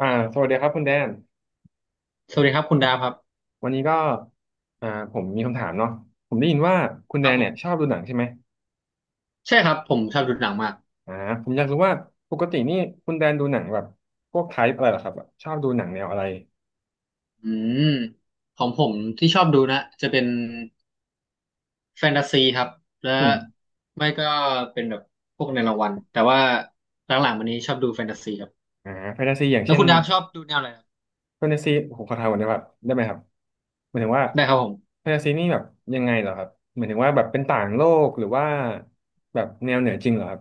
อ่าสวัสดีครับคุณแดนสวัสดีครับคุณดาฟครับวันนี้ก็ผมมีคำถามเนาะผมได้ยินว่าคุณคแดรับนผเนี่ยชอบมดูหนังใช่ไหมใช่ครับผมชอบดูหนังมากอ่าผมอยากรู้ว่าปกตินี่คุณแดนดูหนังแบบพวกไทป์อะไรเหรอครับแบบชอบดูหนังแนวอะไรอืมของผมที่ชอบดูนะจะเป็นแฟนตาซีครับและอืมไม่ก็เป็นแบบพวกในรางวัลแต่ว่าหลังๆวันนี้ชอบดูแฟนตาซีครับแฟนตาซีอย่างแล้เช่วนคุณดาฟชอบดูแนวอะไรครับแฟนตาซีผมขอถามก่อนได้แบบได้ไหมครับหมายถึงว่าได้ครับผมแฟนตาซีนี่แบบยังไงเหรอครับหมายถึงว่าแบบเป็นต่างโลกหรือว่าแบบแนวเหนือจริงเหรอครับ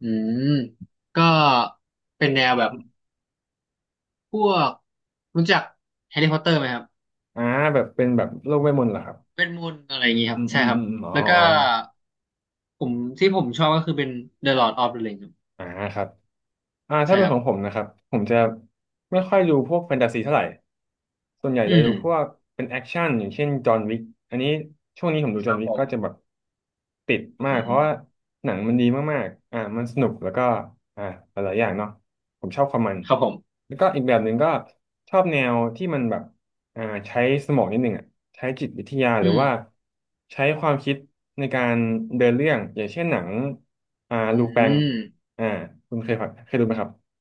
อืมก็เป็นแนวแบบพวกรู้จักแฮร์รี่พอตเตอร์ไหมครับอ่าแบบเป็นแบบโลกเวทมนต์เหรอครับเวทมนต์อะไรอย่างงี้คอืรับมใช่อืมครับอืมอมอ๋อแล้วก็อ๋อผมที่ผมชอบก็คือเป็น The Lord of the Rings ครับอ่าครับ ถ้าใช่เป็นครัขบองผมนะครับผมจะไม่ค่อยดูพวกแฟนตาซีเท่าไหร่ส่วนใหญ่อืจะมดูพวกเป็นแอคชั่นอย่างเช่นจอห์นวิกอันนี้ช่วงนี้ผมดูคจอรัห์นบวิผกก็ม จะแบบติดมาอืกเพมราะว่าหนังมันดีมากๆมันสนุกแล้วก็อ่าหลายๆอย่างเนาะผมชอบความมันครับผมแล้วก็อีกแบบหนึ่งก็ชอบแนวที่มันแบบ อ่าใช้สมองนิดหนึ่งอ่ะใช้จิตวิทยาหรือือมว่าใช้ความคิดในการเดินเรื่องอย่างเช่นหนังอืลูแปงมอ่าคุณเคยฟังเคยดูไหมครับ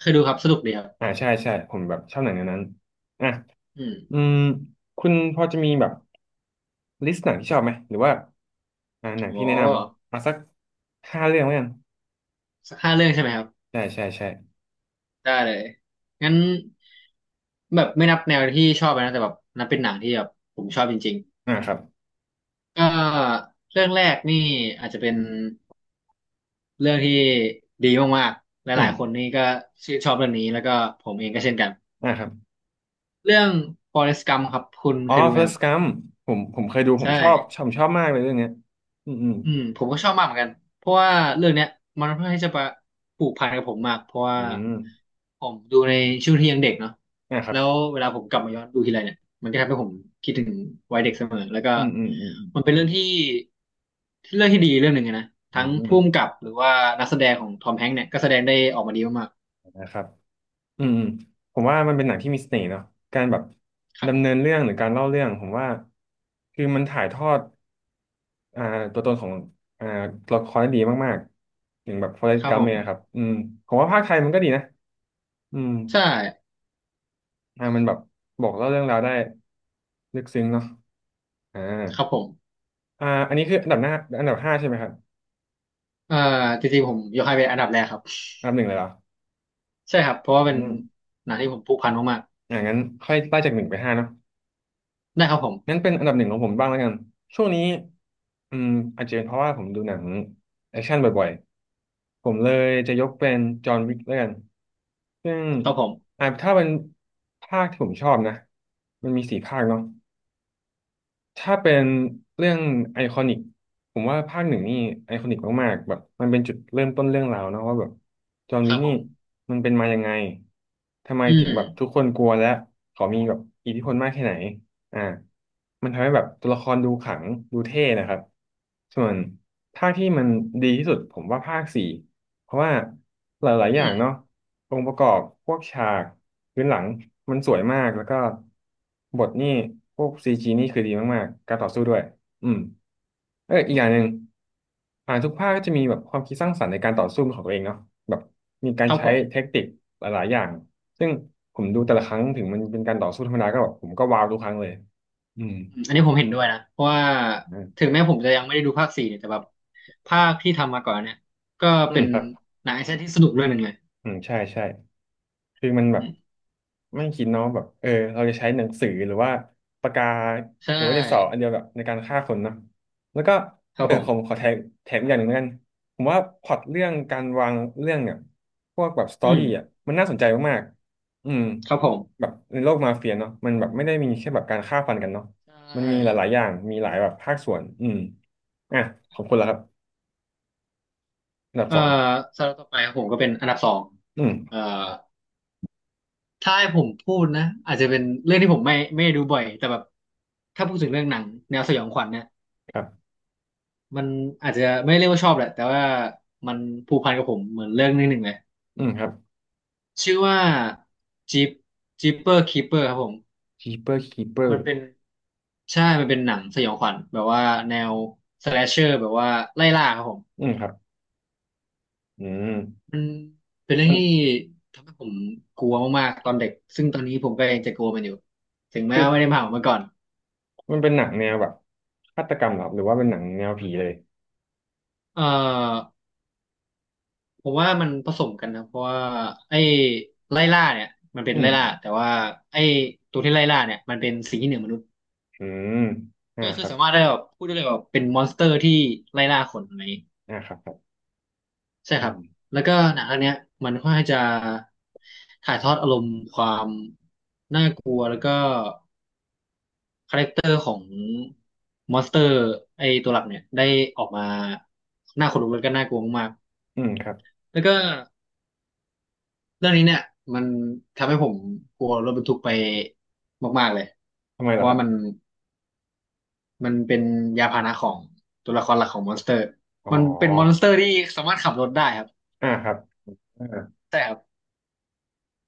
เคยดูครับสนุกดีครับใช่ใช่ผมแบบชอบหนังแนวนั้นอ่ะอืมอืมคุณพอจะมีแบบลิสต์หนังที่ชอบไหมหรือว่าหนังโอ้ที่แนะนำเอาสักห้าเรื่องแล้วกันสักห้าเรื่องใช่ไหมครับ ใช่ใช่ใช่ได้เลย งั้นแบบไม่นับแนวที่ชอบนะแต่แบบนับเป็นหนังที่แบบผมชอบจริงอ่าครับๆก็เรื่องแรกนี่อาจจะเป็นเรื่องที่ดีมากๆ หอืลามยๆคนนี่ก็ชื่นชอบเรื่องนี้แล้วก็ผมเองก็เช่นกันอ่าครับเรื่อง Forrest Gump ครับคุณอ๋อ เคยดูไหมครั Forrest บ Gump ผมเคยดูผมใช่ ชอบมากเลยเรื่องเนี้ยอืมอืมอืมผมก็ชอบมากเหมือนกันเพราะว่าเรื่องเนี้ยมันเพื่อนที่จะมาผูกพันกับผมมากเพราะว่าอืม ผมดูในช่วงที่ยังเด็กเนาะนะครับแล้วเวลาผมกลับมาย้อนดูทีไรเนี่ยมันก็ทำให้ผมคิดถึงวัยเด็กเสมอแล้วก็อืมอืมอืมมันเป็นเรื่องที่เรื่องที่ดีเรื่องหนึ่งอะนะอืทั้มงอืมผู้กำกับหรือว่านักแสดงของทอมแฮงค์เนี่ยก็แสดงได้ออกมาดีมากนะครับอืมอืมผมว่ามันเป็นหนังที่มีเสน่ห์เนาะการแบบๆครับผดำเนินมเรื่องหรือการเล่าเรื่องผมว่าคือมันถ่ายทอดอ่าตัวตนของอ่าตัวละครได้ดีมากๆอย่างแบบ Forrest ครับผ Gump มเนี่ยครับอืมผมว่าภาคไทยมันก็ดีนะอืมใช่มันแบบบอกเล่าเรื่องราวได้ลึกซึ้งเนาะอ่าครับผมอันนี้คืออันดับหน้าอันดับห้าใช่ไหมครับเอ่อจริงๆผมยกให้เป็นอันดับแรกครับอันดับหนึ่งเลยเหรอใช่ครับเพราะว่าเป็นอืมหนังที่ผมผูกพันมากงั้นค่อยไล่จากหนึ่งไปห้าเนาะ ๆได้ครับผมงั้นเป็นอันดับหนึ่งของผมบ้างแล้วกัน ช่วงนี้อืมอาจจะเป็นเพราะว่าผมดูหนังแอคชั่นบ่อยๆ ผมเลยจะยกเป็นจอห์นวิกแล้วกันซึ่งครับผมถ้าเป็นภาคที่ผมชอบนะมันมีสี่ภาคเนาะ ถ้าเป็นเรื่องไอคอนิกผมว่าภาคหนึ่งนี่ไอคอนิกมากๆแบบมันเป็นจุดเริ่มต้นเรื่องราวเนอะว่าแบบจอห์นควิรักบผนี่ม มันเป็นมายังไงทำไมอืถึมงแบบทุกคนกลัวและเขามีแบบอิทธิพลมากแค่ไหนอ่ามันทำให้แบบตัวละครดูขลังดูเท่นะครับส่วนภาคที่มันดีที่สุดผมว่าภาคสี่ เพราะว่าหลายๆออืย่างมเนาะองค์ประกอบพวกฉากพื้นหลังมันสวยมากแล้วก็บทนี่พวกซีจีนี่คือดีมากๆการต่อสู้ด้วยอืมเอออีกอย่างหนึ่งทุกภาคก็จะมีแบบความคิดสร้างสรรค์ในการต่อสู้ของตัวเองเนาะแบบมีกาครรับใช้ผมเทคนิคหลายๆอย่างซึ่งผมดูแต่ละครั้งถึงมันเป็นการต่อสู้ธรรมดาก็แบบผมก็ว้าวทุกครั้งเลยอืมอืมอันนี้ผมเห็นด้วยนะเพราะว่าอืถึมงแม้ผมจะยังไม่ได้ดูภาคสี่เนี่ยแต่แบบภาคที่ทำมาก่อนเนี่ยก็อืเป็มนครับหนังแอคชั่นที่สนุกเรื่องหนึ่งเลยอืมใช่ใช่คือมันแบอืบ มไม่คิดเนาะแบบเออเราจะใช้หนังสือหรือว่าปากกาใช่หรือว่าดินสออันเดียวแบบในการฆ่าคนเนาะแล้วก็คเอรับอผผมขมอแถมอีกอย่างหนึ่งแล้วกันผมว่าพล็อตเรื่องการวางเรื่องเนี่ยพวกแบบสตอือมรี่อ่ะมันน่าสนใจมากๆอืมครับผมแบบในโลกมาเฟียเนาะมันแบบไม่ได้มีแค่แบบการฆ่าฟันกันเนาะใชมันมีห่ลายๆอย่างมีหลายแบบภาคส่วนอืมอ่ะของคุณละครับอันดับเอ่อสองสำหรับต่อไปผมก็เป็นอันดับสองอืมเอ่อถ้าให้ผมพูดนะอาจจะเป็นเรื่องที่ผมไม่ได้ดูบ่อยแต่แบบถ้าพูดถึงเรื่องหนังแนวสยองขวัญเนี่ยครับมันอาจจะไม่เรียกว่าชอบแหละแต่ว่ามันผูกพันกับผมเหมือนเรื่องนึงหนึ่งเลย อืมครับ ชื่อว่าจิปจิปเปอร์คีเปอร์ครับผม Keeper มัน Keeper เป็นใช่มันเป็นหนังสยองขวัญแบบว่าแนวสแลชเชอร์แบบว่าไล่ล่าครับผมอืมครับอืมมันเป็นเรื่อมังนที่ทำให้ผมกลัวมากๆตอนเด็กซึ่งตอนนี้ผมก็ยังจะกลัวมันอยู่ถึงแม้คือ ว่าไม่ได้มาขอมันก่อนมันเป็นหนังแนวแบบฆาตกรรมเหรอหรือว่าเป็นหนังแนวผีเลย เอ่อผมว่ามันผสมกันนะเพราะว่าไอ้ไล่ล่าเนี่ยมันเป็อืนไล่ล่ามแต่ว่าไอ้ตัวที่ไล่ล่าเนี่ยมันเป็นสิ่งที่เหนือมนุษย์อืมอ่าก็คคือรับสามารถได้แบบพูดได้เลยว่าเป็นมอนสเตอร์ที่ไล่ล่าคนอะไร อ่าครับครับใช่อืครัมบแล้วก็หนังเรื่องเนี้ยมันค่อนข้างจะถ่ายทอดอารมณ์ความน่ากลัวแล้วก็คาแรคเตอร์ของมอนสเตอร์ไอตัวหลักเนี่ยได้ออกมาน่าขนลุกแล้วก็น่ากลัวมากอืมครับ ๆแล้วก็เรื่องนี้เนี่ยมันทำให้ผมกลัวรถบรรทุกไปมากๆเลยทำไมเพเหรอราะคว่ารับ มันเป็นยานพาหนะของตัวละครหลักของมอนสเตอร์อ๋อมันเป็นมอนสเตอร์ที่สามารถขับรถได้ครับอ่าครับอ่าใช่ครับ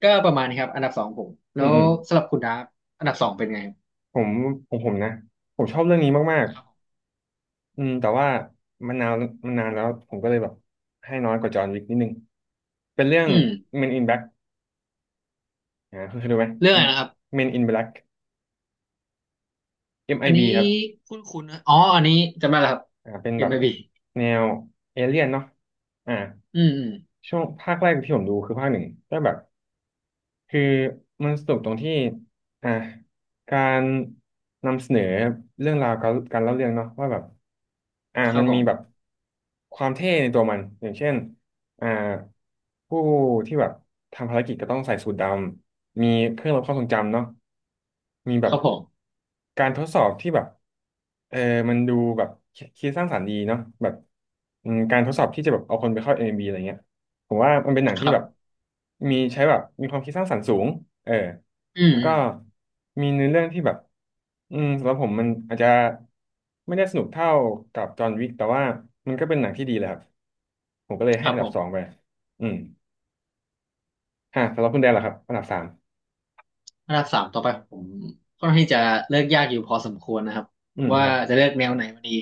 ก็ประมาณนี้ครับอันดับสองผมอืแล้มวอืมสำหรับคุณดาร์ฟอันดับสองเป็นไงผมผมผมนะผมชอบเรื่องนี้มากครับครับผมๆอืมแต่ว่ามันนานมันนานแล้วผมก็เลยแบบให้น้อยกว่าจอห์นวิกนิดนึง เป็นเรื่อง อืม Men in Black คุณเคยดูไหม เรื่องอะไร Men นะครับ Men in Black อันนี้ MIB ครับคุ้นคุ้นะอ๋ออันนี้จำได้แล้วครับ เป็นแบบ MLB อมไอบีแนวเอเลี่ยนเนาะอ่า อืมอืมช่วงภาคแรกที่ผมดูคือภาคหนึ่งแต่แบบคือมันสนุกตรงที่อ่ะการนำเสนอเรื่องราวการเล่าเรื่องเนาะว่าแบบอ่ะครัมับนผมีมแบบความเท่ในตัวมันอย่างเช่นอ่าผู้ที่แบบทำภารกิจก็ต้องใส่สูทดำมีเครื่องลดความทรงจำเนาะมีแบคบรับผมการทดสอบที่แบบเออมันดูแบบคิดสร้างสรรค์ดีเนาะแบบอืมการทดสอบที่จะแบบเอาคนไปเข้า m บ b อะไรเงี้ย ผมว่ามันเป็นหนังคที่รัแบบบมีใช้แบบมีความคิดสร้างสรรค์สูงเอออืมแล้วอืก็มมีเนื้อเรื่องที่แบบอืมสำหรับผมมันอาจจะไม่ได้สนุกเท่ากับจอห์นวิกแต่ว่ามันก็เป็นหนังที่ดีเลยครับผมก็เลยคให้รับอันผดับมสองไปอืมฮะสำหรับคุณแดนเหรอครับอันดับสามอันดับสามต่อไปผมค่อนข้างที่จะเลือกยากอยู่พอสมควรนะครับอืมคว่ารับจะเลือกแนวไหนมาดี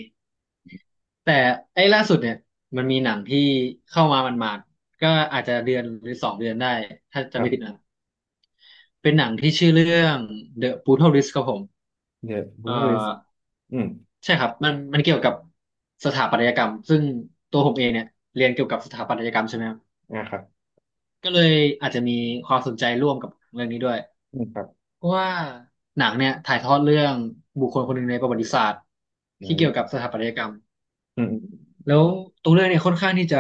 แต่ไอ้ล่าสุดเนี่ยมันมีหนังที่เข้ามามันมาดๆก็อาจจะเดือนหรือสองเดือนได้ถ้าคจำรัไม่ผิดบ นะเป็นหนังที่ชื่อเรื่อง The Brutal List ครับผม The เอ่อ Brutalist อืมใช่ครับมันเกี่ยวกับสถาปัตยกรรมซึ่งตัวผมเองเนี่ยเรียนเกี่ยวกับสถาปัตยกรรมใช่ไหมครับอ่าครับก็เลยอาจจะมีความสนใจร่วมกับเรื่องนี้ด้วยอืมครับเพราะว่าหนังเนี่ยถ่ายทอดเรื่องบุคคลคนหนึ่งในประวัติศาสตร์อืที่เกี่ยวกับสมถาปัตยกรรมอืมอืมแล้วตัวเรื่องเนี่ยค่อนข้างที่จะ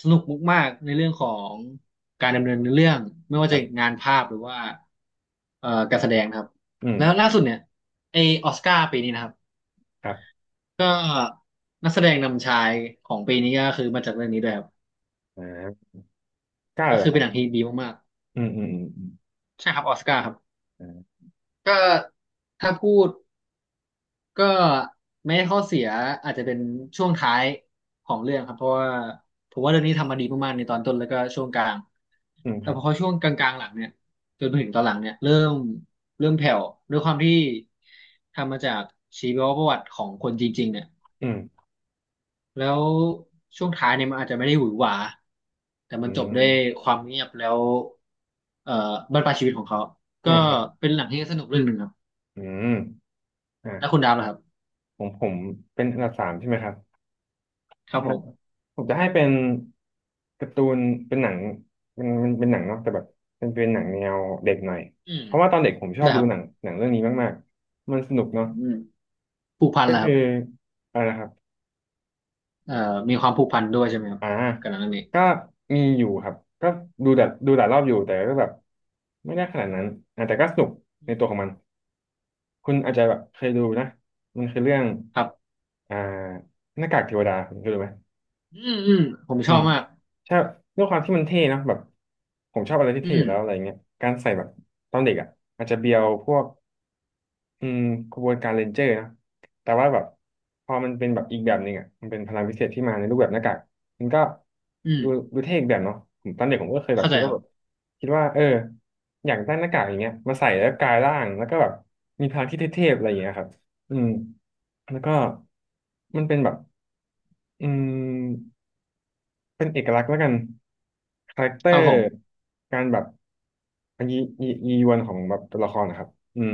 สนุกมากๆในเรื่องของการดำเนินเรื่องไม่ว่าคจะรับงานภาพหรือว่าการแสดงนะครับอืมแล้วล่าสุดเนี่ยไอออสการ์ปีนี้นะครับ ครับก็นักแสดงนำชายของปีนี้ก็คือมาจากเรื่องนี้ด้วยครับอ่าเก้าก็เหรคืออคเป็รันบหนังที่ดีมากอืมอืมอืมๆใช่ครับออสการ์ครับอืมอ่าก็ถ้าพูดก็แม้ข้อเสียอาจจะเป็นช่วงท้ายของเรื่องครับเพราะว่าผมว่าเรื่องนี้ทำมาดีมากๆในตอนต้นแล้วก็ช่วงกลางอืมคแต่รับพอช่วงกลางๆหลังเนี่ยจนถึงตอนหลังเนี่ยเริ่มแผ่วด้วยความที่ทำมาจากชีวประวัติของคนจริงๆเนี่ย อืมแล้วช่วงท้ายเนี่ยมันอาจจะไม่ได้หวือหวาแต่มัอืนจบด้วยมความเงียบแล้วเอ่อบั้นปลายชีวิตของเขาก็อ่าครับ เป็นหนังที่สนุกเรื่องหนึ่งครับอืมอ่าแล้วคุณดาวล่ะครับผมเป็นอันดับสามใช่ไหมครับครับอ่าผมผมจะให้เป็นการ์ตูนเป็นหนังมันเป็นหนังเนาะแต่แบบเป็นหนังแนวเด็กหน่อยอืมเพราะว่าตอนเด็กผมชอได้บคดูรับหนังหนังเรื่องนี้มากๆมันสนุกเนาะอืมผูกพันก็ล่ะคคืรัอบอะไรนะครับเอ่อมีความผูกพันด้วยใช่ไหมครับอ่ากับหนังเรื่องนี้ก็มีอยู่ครับก็ดูแต่ดูหลายรอบอยู่แต่ก็แบบไม่ได้ขนาดนั้นอ่าแต่ก็สนุกอืในตัวมของมันคุณอาจจะแบบเคยดูนะมันคือเรื่องครับอ่าหน้ากากเทวดาคุณเคยดูไหม อืมอืมผมอืชอมบมากใช่ด้วยความที่มันเท่นะแบบผมชอบอะไรที่อืเท่อยู่มแล้วอะไรเงี้ยการใส่แบบตอนเด็กอ่ะอาจจะเบียวพวกอืมขบวนการเรนเจอร์นะแต่ว่าแบบพอมันเป็นแบบอีกแบบหนึ่งอ่ะมันเป็นพลังพิเศษที่มาในรูปแบบหน้ากากมันก็อืดูมดูเท่อีกแบบเนาะผมตอนเด็กผมก็เคยแบบเข้าใจคิดคว่ารัแบบบคิดว่าเอออยากได้หน้ากากอย่างเงี้ยมาใส่แล้วกลายร่างแล้วก็แบบมีพลังที่เท่ๆอะไรอย่างเงี้ยครับอืมแล้วก็มันเป็นแบบอืม เป็นเอกลักษณ์แล้วกันคาแรคเตอครับร์ผมการแบบยียีวันของแบบตัวละครนะครับอืม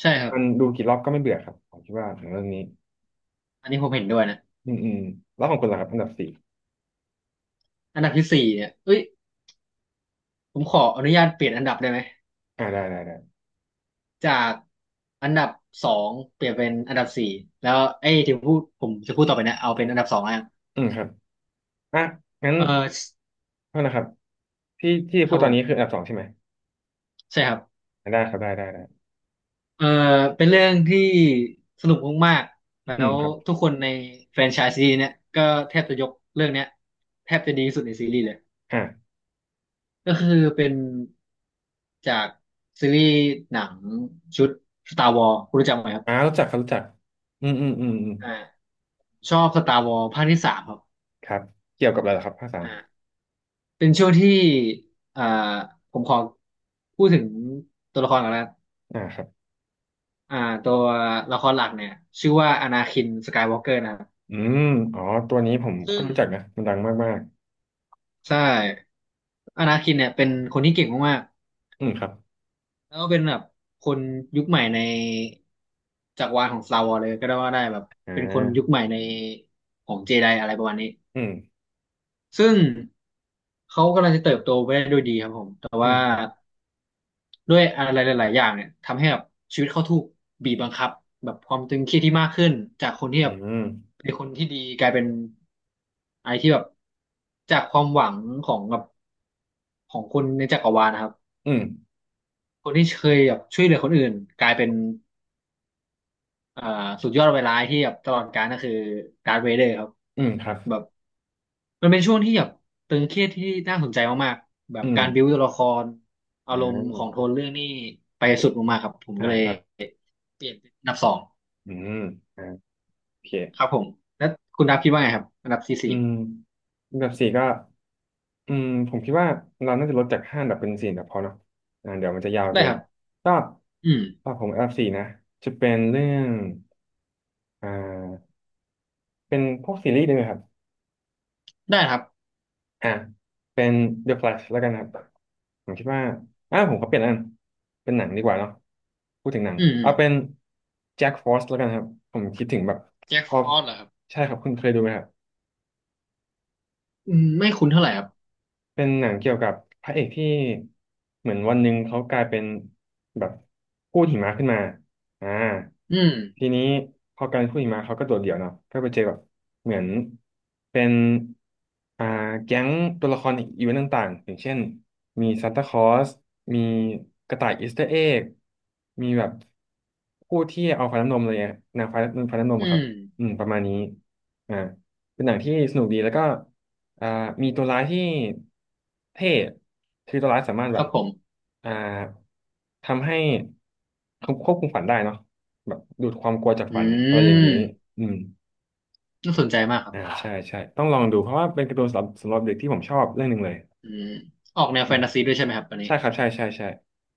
ใช่ครับมันดูกี่รอบก็ไม่เบื่อครับผมคิดว่าหนังเรื่องนี้อันนี้ผมเห็นด้วยนะอืมอืมแล้วของคุณล่ะครับอันดับสี่อันดับที่สี่เนี่ยเอ้ยผมขออนุญาตเปลี่ยนอันดับได้ไหม อ่าได้ได้ได้จากอันดับสองเปลี่ยนเป็นอันดับสี่แล้วไอ้ยที่พูดผมจะพูดต่อไปเนะเอาเป็นอันดับสองแล้วกันอืมครับอ่ะงั้นเออโทษนะครับที่ที่คพูรัดบตผอนนี้คืออันมดับสองใช่ไหมใช่ครับอ่ะได้ครับได้ได้ได้เออเป็นเรื่องที่สนุกมากๆแล้อืมวครับทุกคนในแฟรนไชส์ซีรีส์เนี่ยก็แทบจะยกเรื่องเนี้ยแทบจะดีที่สุดในซีรีส์เลยอ่าก็คือเป็นจากซีรีส์หนังชุด Star Wars คุณรู้จักไหมครับอ่ารู้จักครับรู้จักอืมอืมอืมอืมอ่าชอบ Star Wars ภาคที่สามครับ ครับเกี่ยวกับอะไรเหรอครับภาคสามเป็นช่วงที่อ่าผมขอพูดถึงตัวละครก่อนนะอ่าครับอ่าตัวละครหลักเนี่ยชื่อว่าอนาคินสกายวอล์กเกอร์นะครับอืมอ๋อตัวนี้ผมก็ซึ่งรู้จักนะมันดังมากใช่อนาคินเนี่ยเป็นคนที่เก่งมากๆอืมครับๆแล้วก็เป็นแบบคนยุคใหม่ในจักรวาลของ Star Wars เลยก็ได้ว่าได้แบบอ่เป็นคนยุคา ใหม่ในของเจไดอะไรประมาณนี้อืม ซึ่งเขากำลังจะเติบโตไปได้ด้วยดีครับผมแต่่อืวา มครับ ด้วยอะไรหลายๆอย่างเนี่ยทำให้แบบชีวิตเขาถูกบีบบังคับแบบความตึงเครียดที่มากขึ้นจากคนที่อืแบบม เป็นคนที่ดีกลายเป็นไอะไรที่แบบจากความหวังของแบบของคนในจักรวาลนะครับอืม คนที่เคยแบบช่วยเหลือคนอื่นกลายเป็นเอ่อสุดยอดเวลาที่แบบตลอดกาลก็คือดาร์ธเวเดอร์ครับอืมครับแบบมันเป็นช่วงที่แบบตึงเครียดที่น่าสนใจมากๆแบบอืมการบิวตัวละครอาอ่รมณ์ของโทานเรื่องนี่ไปสุดมากๆครับผมอ่าก็เลยครับเปลี่ยนเป็นอันดับสอง อืมอ่าโอเคครับผมแล้วคุณดับคิดว่าไงครับอันดับที่อืสี่มอันดับสี่ก็อืมผมคิดว่าเราน่าจะลดจากห้าอันดับเป็นสี่อันดับพอเนาะอ่าเดี๋ยวมันจะยาวได้เกิคนรับก็อืมก็ผมอันดับสี่นะ จะเป็นเรื่องอ่าเป็นพวกซีรีส์ได้ไหมครับ ได้ครับอ่ะเป็น The Flash แล้วกันครับผมคิดว่าอ่าผมขอเปลี่ยนอันเป็นหนังดีกว่าเนาะพูดถึงหนังอืมอืเอามเป็น Jack Frost แล้วกันครับผมคิดถึงแบบแจ็คพอฟอรอสเหรอครับใช่ครับคุณเคยดูไหมครับ อืมไม่คุ้นเท่าไหร่ครับเป็นหนังเกี่ยวกับพระเอกที่เหมือนวันหนึ่งเขากลายเป็นแบบกู้หิมะขึ้นมาอ่าอืมทีนี้พอกลายเป็นกู้หิมะเขาก็โดดเดี่ยวเนาะก็ไปเจอแบบเหมือนเป็นอ่าแก๊งตัวละครอีเวนต์ต่างๆอย่างเช่นมีซานตาคลอสมีกระต่ายอีสเตอร์เอ็กมีแบบผู้ที่เอาฟ้าน้ำนมอะไรเงี้ยนางฟ้าฟ้าน้ำนมอือะครับมอืมประมาณนี้อ่าเป็นหนังที่สนุกดีแล้วก็ อ่ามีตัวร้ายที่เท่คือตัวร้ายสามารถคแบรับบผมอ่าทำให้ควบคุมฝันได้เนาะแบบดูดความกลัวจากอืฝันอะไรอย่างมนี้อืมน่าสนใจมากครัอ่าบใช่ใช่ต้องลองดูเพราะว่าเป็นการ์ตูนสำหรับเด็กที่ผมชอบเรื่องหนึ่งเลยอืมออกแนวแฟอ่านตาซีด้วยใช่ไหมครับอันนี้ใช่ครับใช่ใช่ใช่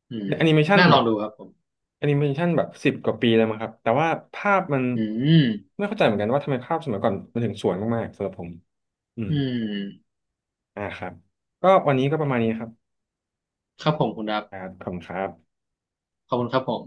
อืมแอนิเมชันน่าลแบองบดูครับผมแอนิเมชันแบบ10 กว่าปีแล้วมั้งครับแต่ว่าภาพมันอืมไม่เข้าใจเหมือนกันว่าทำไมภาพสมัยก่อนมันถึงสวยมากๆสำหรับผมอืมอืมอ่าครับก็วันนี้ก็ประมาณนี้ครับ ครับผมคุณดับครับขอบคุณครับขอบคุณครับผม